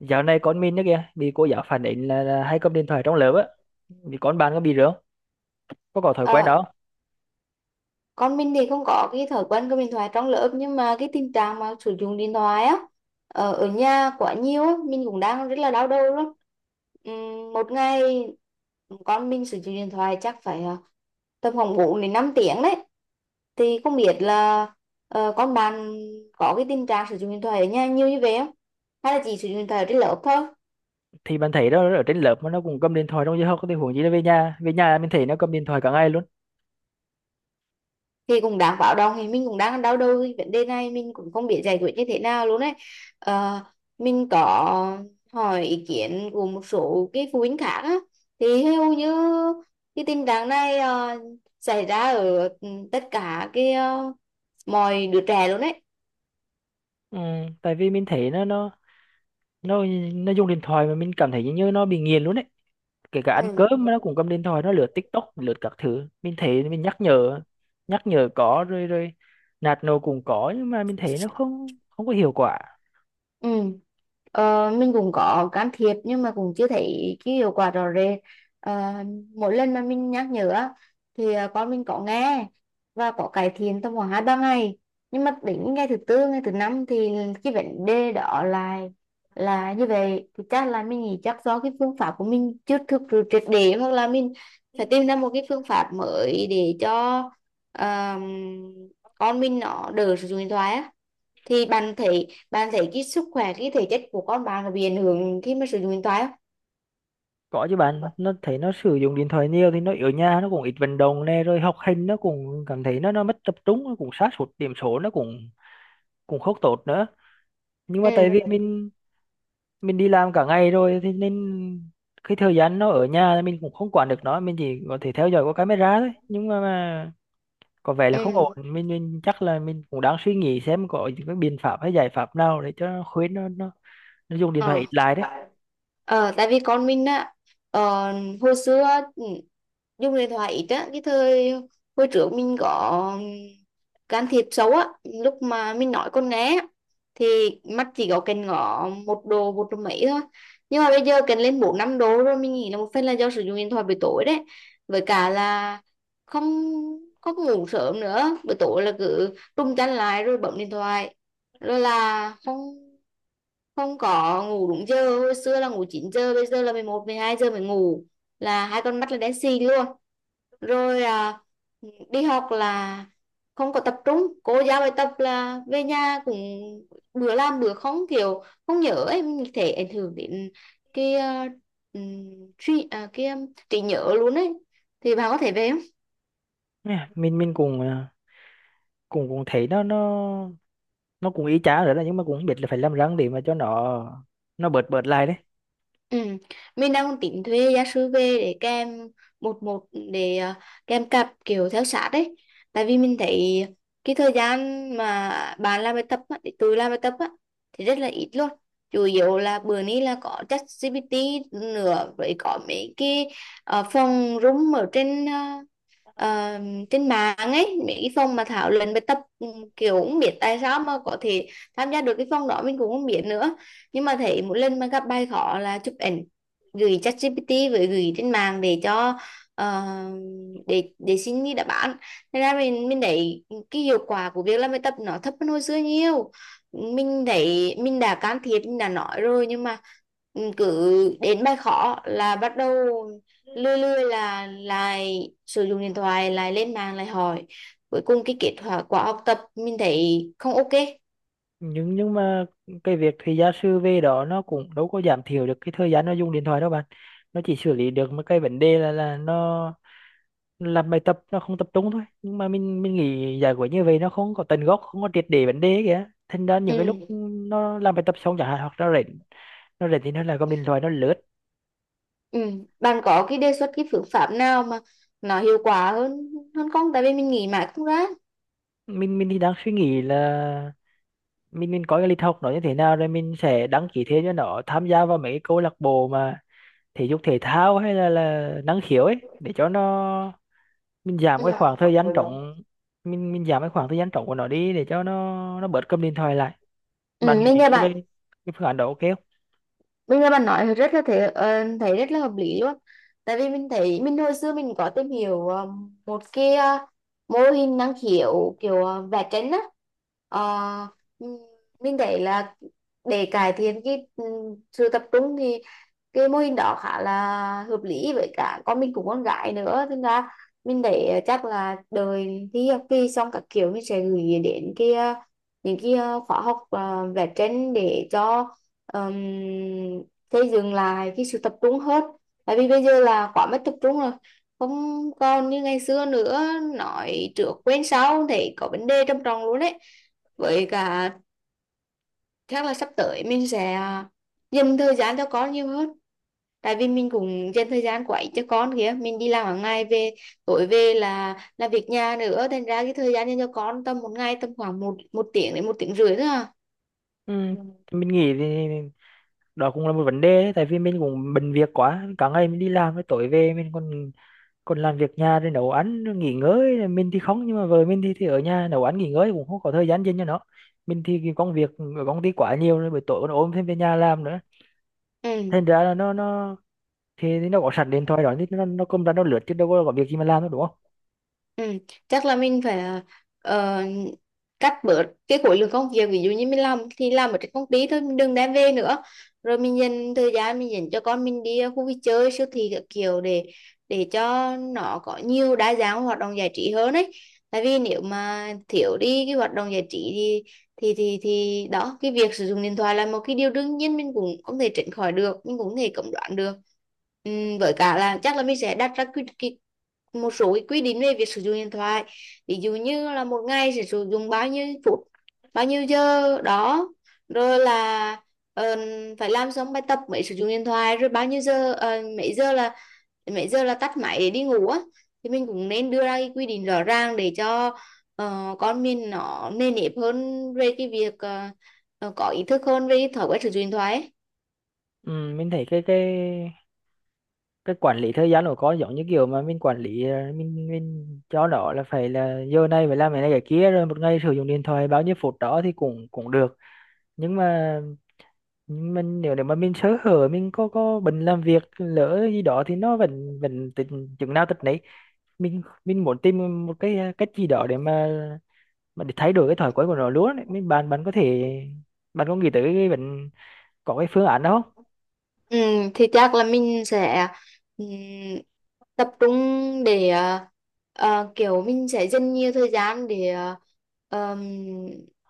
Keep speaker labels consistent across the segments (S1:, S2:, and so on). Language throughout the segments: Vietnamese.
S1: Dạo này con mình đó kìa, bị cô giáo phản ánh là hay cầm điện thoại trong lớp á. Thì con bạn có bị rửa, có thói quen
S2: Ờ,
S1: đó.
S2: con mình thì không có cái thói quen cầm điện thoại trong lớp, nhưng mà cái tình trạng mà sử dụng điện thoại á ở nhà quá nhiều á, mình cũng đang rất là đau đầu luôn. Một ngày con mình sử dụng điện thoại chắc phải tầm khoảng 4 đến 5 tiếng đấy, thì không biết là con bạn có cái tình trạng sử dụng điện thoại ở nhà nhiều như vậy không, hay là chỉ sử dụng điện thoại ở trên lớp thôi?
S1: Thì bạn thấy đó ở trên lớp mà nó cũng cầm điện thoại trong giờ học thì huống gì nó về nhà mình thấy nó cầm điện thoại cả ngày luôn.
S2: Thì cũng đáng báo động, thì mình cũng đang đau đầu cái vấn đề này, mình cũng không biết giải quyết như thế nào luôn đấy. Ờ, mình có hỏi ý kiến của một số cái phụ huynh khác á, thì hầu như cái tình trạng này xảy ra ở tất cả cái mọi đứa trẻ luôn đấy.
S1: Ừ, tại vì mình thấy nó nó dùng điện thoại mà mình cảm thấy như nó bị nghiện luôn đấy. Kể cả ăn
S2: Ừ.
S1: cơm nó cũng cầm điện thoại, nó lướt TikTok, lướt các thứ. Mình thấy mình nhắc nhở có rồi rồi nạt nổ cũng có, nhưng mà mình thấy nó không không có hiệu quả.
S2: Ừ. Mình cũng có can thiệp nhưng mà cũng chưa thấy cái hiệu quả rõ rệt. Ờ, Mỗi lần mà mình nhắc nhở á, thì con mình có nghe và có cải thiện tầm khoảng hai ba ngày, nhưng mà đến ngày thứ tư ngày thứ năm thì cái vấn đề đó là như vậy. Thì chắc là mình nghĩ chắc do cái phương pháp của mình chưa thực sự triệt để, hoặc là mình phải tìm ra một cái phương pháp mới để cho ờm, con mình nó đỡ sử dụng điện thoại á. Thì bạn thấy cái sức khỏe, cái thể chất của con bạn có bị ảnh hưởng khi mà sử dụng điện thoại không?
S1: Có chứ bạn, nó thấy nó sử dụng điện thoại nhiều thì nó ở nhà nó cũng ít vận động nè, rồi học hành nó cũng cảm thấy nó mất tập trung, nó cũng sa sút điểm số nó cũng cũng không tốt nữa. Nhưng mà tại vì
S2: Ừ.
S1: mình đi làm cả ngày rồi thì nên cái thời gian nó ở nhà thì mình cũng không quản được nó, mình chỉ có thể theo dõi qua camera thôi. Nhưng mà có vẻ là không ổn,
S2: Ừ.
S1: mình chắc là mình cũng đang suy nghĩ xem có những cái biện pháp hay giải pháp nào để cho nó khuyến nó dùng điện thoại
S2: Ờ.
S1: ít lại đấy.
S2: Ờ, Tại vì con mình á ờ, hồi xưa ừ, dùng điện thoại ít á, cái thời hồi trước mình có can thiệp xấu á, lúc mà mình nói con nghe á, thì mắt chỉ có cần ngó một độ mấy thôi, nhưng mà bây giờ cần lên 4 5 độ rồi. Mình nghĩ là một phần là do sử dụng điện thoại buổi tối đấy, với cả là không không ngủ sớm nữa. Buổi tối là cứ trung chăn lại rồi bấm điện thoại, rồi là không không có ngủ đúng giờ. Hồi xưa là ngủ 9 giờ, bây giờ là 11 12 giờ mới ngủ, là hai con mắt là đen xì luôn. Rồi đi học là không có tập trung, cô giao bài tập là về nhà cũng bữa làm bữa không, kiểu không nhớ ấy, mình thể ảnh hưởng đến cái uh, trí nhớ luôn ấy. Thì bà có thể về.
S1: Nè, mình cũng cũng cũng thấy nó cũng y chang rồi đó, nhưng mà cũng không biết là phải làm răng để mà cho nó bớt bớt lại đấy.
S2: Ừ. Mình đang tính thuê gia sư về để kèm một một, để kèm cặp kiểu theo sát đấy, tại vì mình thấy cái thời gian mà bạn làm bài tập á, để tôi làm bài tập á, thì rất là ít luôn. Chủ yếu là bữa nay là có ChatGPT nữa, với có mấy cái phòng room ở trên ờ, trên mạng ấy, mấy cái phòng mà thảo luận bài tập, kiểu không biết tại sao mà có thể tham gia được cái phòng đó, mình cũng không biết nữa. Nhưng mà thấy mỗi lần mà gặp bài khó là chụp ảnh gửi ChatGPT với gửi trên mạng để cho ờ, để xin đi đáp án. Thế ra mình thấy cái hiệu quả của việc làm bài tập nó thấp hơn hồi xưa nhiều. Mình thấy mình đã can thiệp mình đã nói rồi, nhưng mà cứ đến bài khó là bắt đầu lươi lươi, là lại sử dụng điện thoại, lại lên mạng lại hỏi. Cuối cùng cái kết quả quả học tập mình thấy không ok.
S1: Nhưng mà cái việc thì gia sư về đó nó cũng đâu có giảm thiểu được cái thời gian nó dùng điện thoại đâu bạn. Nó chỉ xử lý được một cái vấn đề là nó làm bài tập nó không tập trung thôi, nhưng mà mình nghĩ giải quyết như vậy nó không có tận gốc, không có triệt để vấn đề ấy kìa. Thành ra những cái lúc
S2: Ừ.
S1: nó làm bài tập xong chẳng hạn, hoặc nó rảnh thì nó lại cầm điện thoại nó lướt.
S2: Ừ. Bạn có cái đề xuất cái phương pháp nào mà nó hiệu quả hơn hơn không, tại vì mình nghĩ mãi không ra.
S1: Mình thì đang suy nghĩ là mình có cái lịch học nó như thế nào rồi mình sẽ đăng ký thêm cho nó tham gia vào mấy cái câu lạc bộ mà thể dục thể thao hay là năng khiếu ấy, để cho nó mình
S2: Ừ,
S1: giảm cái khoảng thời gian trống, mình giảm cái khoảng thời gian trống của nó đi để cho nó bớt cầm điện thoại lại. Bạn
S2: ừ. mình
S1: nghĩ
S2: nghe
S1: cái
S2: bạn
S1: cái cái phương án đó ok không?
S2: Bây nghe bạn nói rất là thế, thấy rất là hợp lý luôn. Tại vì mình thấy mình hồi xưa mình có tìm hiểu một cái mô hình năng khiếu kiểu vẽ tranh á. Ờ, ừm, mình thấy là để cải thiện cái sự tập trung thì cái mô hình đó khá là hợp lý, với cả con mình cũng con gái nữa. Thế ra mình để chắc là đời thi học kỳ xong các kiểu mình sẽ gửi đến cái những cái khóa học vẽ tranh để cho um, thế dừng lại cái sự tập trung hết. Tại vì bây giờ là quá mất tập trung rồi, không còn như ngày xưa nữa, nói trước quên sau thì có vấn đề trầm trọng luôn đấy. Với cả chắc là sắp tới mình sẽ dành thời gian cho con nhiều hơn, tại vì mình cũng dành thời gian của ít cho con kìa. Mình đi làm hàng ngày về, tối về là việc nhà nữa, thành ra cái thời gian dành cho con tầm một ngày tầm khoảng một một tiếng đến một tiếng rưỡi thôi à.
S1: Ừ, thì mình nghĩ thì đó cũng là một vấn đề đấy, tại vì mình cũng bận việc quá, cả ngày mình đi làm với tối về mình còn còn làm việc nhà thì nấu ăn nghỉ ngơi, mình thì không, nhưng mà vợ mình thì ở nhà nấu ăn nghỉ ngơi cũng không có thời gian dành cho nó. Mình thì cái công việc ở công ty quá nhiều rồi, buổi tối còn ôm thêm về nhà làm nữa,
S2: Ừ.
S1: thành ra là nó thì nó có sẵn điện thoại đó thì nó cầm ra nó lướt chứ đâu có việc gì mà làm đâu, đúng không?
S2: Ừ, chắc là mình phải ờ, cắt bớt cái khối lượng công việc. Ví dụ như mình làm thì làm ở trên công ty thôi, mình đừng đem về nữa, rồi mình dành thời gian mình dành cho con, mình đi khu vui chơi siêu thị các kiểu để cho nó có nhiều đa dạng hoạt động giải trí hơn ấy. Tại vì nếu mà thiếu đi cái hoạt động giải trí thì đó, cái việc sử dụng điện thoại là một cái điều đương nhiên, mình cũng không thể tránh khỏi được, mình cũng không thể cấm đoán được. Với cả là chắc là mình sẽ đặt ra một số cái quy định về việc sử dụng điện thoại. Ví dụ như là một ngày sẽ sử dụng bao nhiêu phút bao nhiêu giờ đó, rồi là ờ, phải làm xong bài tập mới sử dụng điện thoại, rồi bao nhiêu giờ mấy giờ là tắt máy để đi ngủ á. Thì mình cũng nên đưa ra cái quy định rõ ràng để cho con mình nó nề nếp hơn về cái việc có ý thức hơn về cái thói quen sử dụng điện thoại ấy.
S1: Ừ, mình thấy cái quản lý thời gian của con giống như kiểu mà mình quản lý, mình cho nó là phải là giờ này phải làm cái này cái kia, rồi một ngày sử dụng điện thoại bao nhiêu phút đó thì cũng cũng được. Nhưng mà mình nếu nếu mà mình sơ hở, mình có bận làm việc lỡ gì đó thì nó vẫn vẫn tình chừng nào tật nấy. Mình muốn tìm một cái cách gì đó để mà để thay đổi cái thói quen của nó luôn ấy. Bạn bạn có thể, bạn có nghĩ tới cái bệnh, có cái phương án đó không?
S2: Ừ, thì chắc là mình sẽ ừ, tập trung để kiểu mình sẽ dành nhiều thời gian để ờm,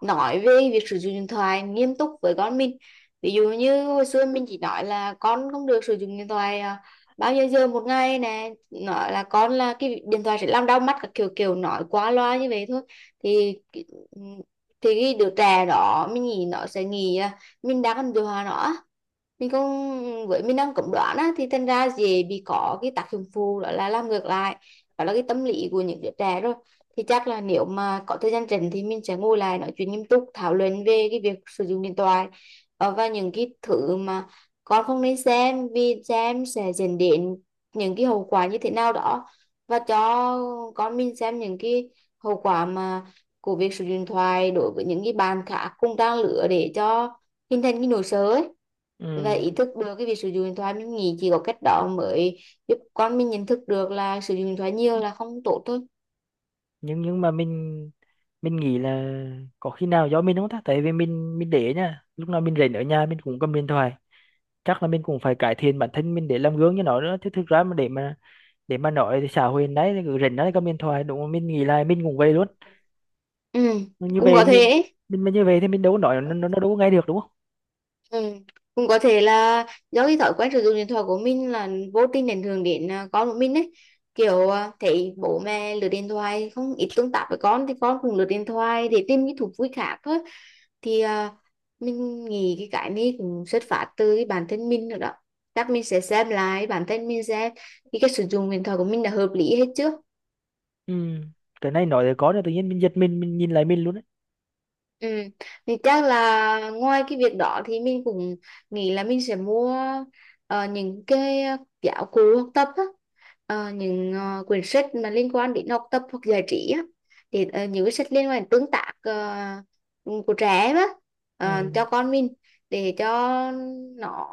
S2: nói về việc sử dụng điện thoại nghiêm túc với con mình. Ví dụ như hồi xưa mình chỉ nói là con không được sử dụng điện thoại bao nhiêu giờ một ngày nè, nói là con là cái điện thoại sẽ làm đau mắt các kiểu, kiểu nói quá loa như vậy thôi. Thì cái- ừm, thì cái đứa trẻ đó mình nghĩ nó sẽ nghĩ là mình đang còn điều hòa nó á, mình cũng với mình đang cấm đoán á, thì thành ra dễ bị có cái tác dụng phụ, đó là làm ngược lại, đó là cái tâm lý của những đứa trẻ rồi. Thì chắc là nếu mà có thời gian rảnh thì mình sẽ ngồi lại nói chuyện nghiêm túc thảo luận về cái việc sử dụng điện thoại, và những cái thứ mà con không nên xem, vì xem sẽ dẫn đến những cái hậu quả như thế nào đó, và cho con mình xem những cái hậu quả mà của việc sử dụng điện thoại đối với những cái bạn khác cùng trang lứa, để cho hình thành cái nỗi sợ ấy và
S1: Ừ.
S2: ý thức được cái việc sử dụng điện thoại. Mình nghĩ chỉ có cách đó mới giúp con mình nhận thức được là sử dụng điện thoại nhiều là không tốt thôi.
S1: nhưng mà mình nghĩ là có khi nào do mình không ta, tại vì mình để nha, lúc nào mình rảnh ở nhà mình cũng cầm điện thoại. Chắc là mình cũng phải cải thiện bản thân mình để làm gương cho nó nữa chứ, thực ra mà để mà nói thì xã hội đấy cứ rảnh đấy cầm điện thoại, đúng không? Mình nghĩ là mình cũng vậy luôn.
S2: Ừ,
S1: Như
S2: cũng
S1: về
S2: có thể
S1: mình
S2: ấy.
S1: mình mà như về thì mình đâu có nói nó, nó đâu có nghe được, đúng không?
S2: Ừ, cũng có thể là do cái thói quen sử dụng điện thoại của mình là vô tình ảnh hưởng đến con của mình ấy, kiểu thấy bố mẹ lướt điện thoại không ít tương tác với con thì con cũng lướt điện thoại để tìm những thú vui khác thôi. Thì mình nghĩ cái này cũng xuất phát từ cái bản thân mình nữa đó. Chắc mình sẽ xem lại bản thân mình xem thì cái sử dụng điện thoại của mình là hợp lý hết chưa.
S1: Ừ. Cái này nói thì có rồi tự nhiên mình giật mình nhìn lại mình luôn đấy.
S2: Ừ. Thì chắc là ngoài cái việc đó thì mình cũng nghĩ là mình sẽ mua những cái giáo cụ học tập á, những quyển sách mà liên quan đến học tập hoặc giải trí á, thì những cái sách liên quan đến tương tác của trẻ em á,
S1: Ừ.
S2: cho con mình, để cho nó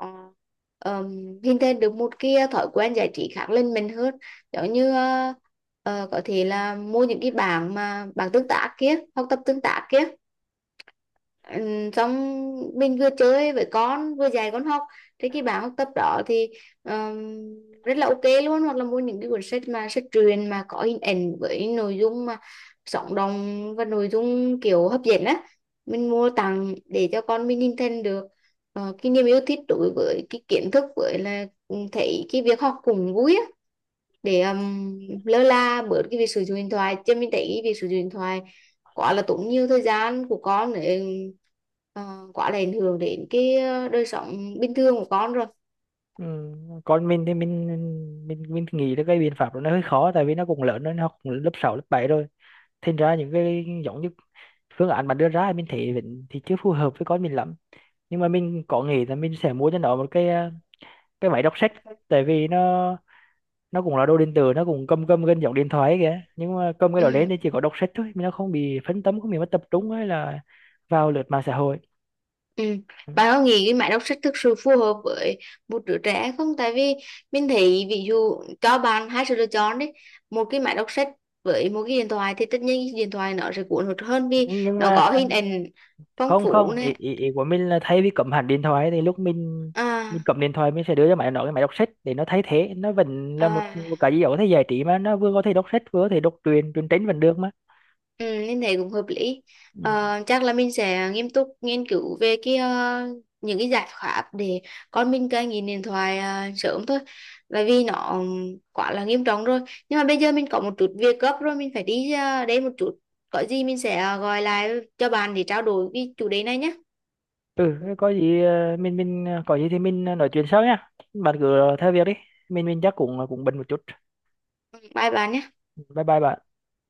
S2: ờm, hình thành được một cái thói quen giải trí khác lên mình hơn. Giống như có thể là mua những cái bảng mà bảng tương tác kia, học tập tương tác kia. Ừ, xong mình vừa chơi với con vừa dạy con học, thì cái bảng học tập đó thì rất là ok luôn. Hoặc là mua những cái cuốn sách mà sách truyện mà có hình ảnh với nội dung mà sống động và nội dung kiểu hấp dẫn á, mình mua tặng để cho con mình hình thành được cái niềm yêu thích đối với cái kiến thức, với là thấy cái việc học cũng vui á, để lơ là bớt cái việc sử dụng điện thoại. Chứ mình thấy việc sử dụng điện thoại quá là tốn nhiều thời gian của con, để uh, quá là ảnh hưởng đến cái đời sống bình thường của con rồi.
S1: Ừ. Còn mình thì mình nghĩ là cái biện pháp đó nó hơi khó, tại vì nó cũng lớn rồi, nó cũng lớp 6 lớp 7 rồi. Thành ra những cái giống như phương án mà đưa ra thì mình thấy vẫn thì chưa phù hợp với con mình lắm. Nhưng mà mình có nghĩ là mình sẽ mua cho nó một cái máy đọc sách. Tại vì nó cũng là đôi điện tử, nó cũng cầm cầm gần giống điện thoại ấy kìa, nhưng mà cầm cái đó lên
S2: Ừ.
S1: thì chỉ có đọc sách thôi, nó không bị phân tâm, không bị mất tập trung hay là vào lướt mạng xã hội.
S2: Ừ.
S1: Ừ.
S2: Bạn có nghĩ cái máy đọc sách thực sự phù hợp với một đứa trẻ không? Tại vì mình thấy ví dụ cho bạn hai sự lựa chọn đấy, một cái máy đọc sách với một cái điện thoại, thì tất nhiên cái điện thoại nó sẽ cuốn hút hơn vì
S1: Nhưng
S2: nó
S1: mà
S2: có hình ảnh phong
S1: không,
S2: phú
S1: không, ý,
S2: này.
S1: ý, ý của mình là thay vì cầm hẳn điện thoại thì lúc mình
S2: À.
S1: cầm điện thoại, mình sẽ đưa cho máy nó cái máy đọc sách để nó thay thế, nó vẫn là một,
S2: À.
S1: một cái gì đó có thể giải trí, mà nó vừa có thể đọc sách, vừa có thể đọc truyện, truyện tranh vẫn được mà.
S2: Ừ, em thấy cũng hợp lý.
S1: Ừ,
S2: Chắc là mình sẽ nghiêm túc nghiên cứu về cái những cái giải pháp để con mình cai nghiện điện thoại sớm thôi. Bởi vì nó quá là nghiêm trọng rồi. Nhưng mà bây giờ mình có một chút việc gấp rồi, mình phải đi đây một chút. Có gì mình sẽ gọi lại cho bạn để trao đổi cái chủ đề này nhé.
S1: ừ, thế có gì mình có gì thì mình nói chuyện sau nha. Bạn cứ theo việc đi, mình chắc cũng cũng bận một chút.
S2: Bye bạn nhé.
S1: Bye bye bạn.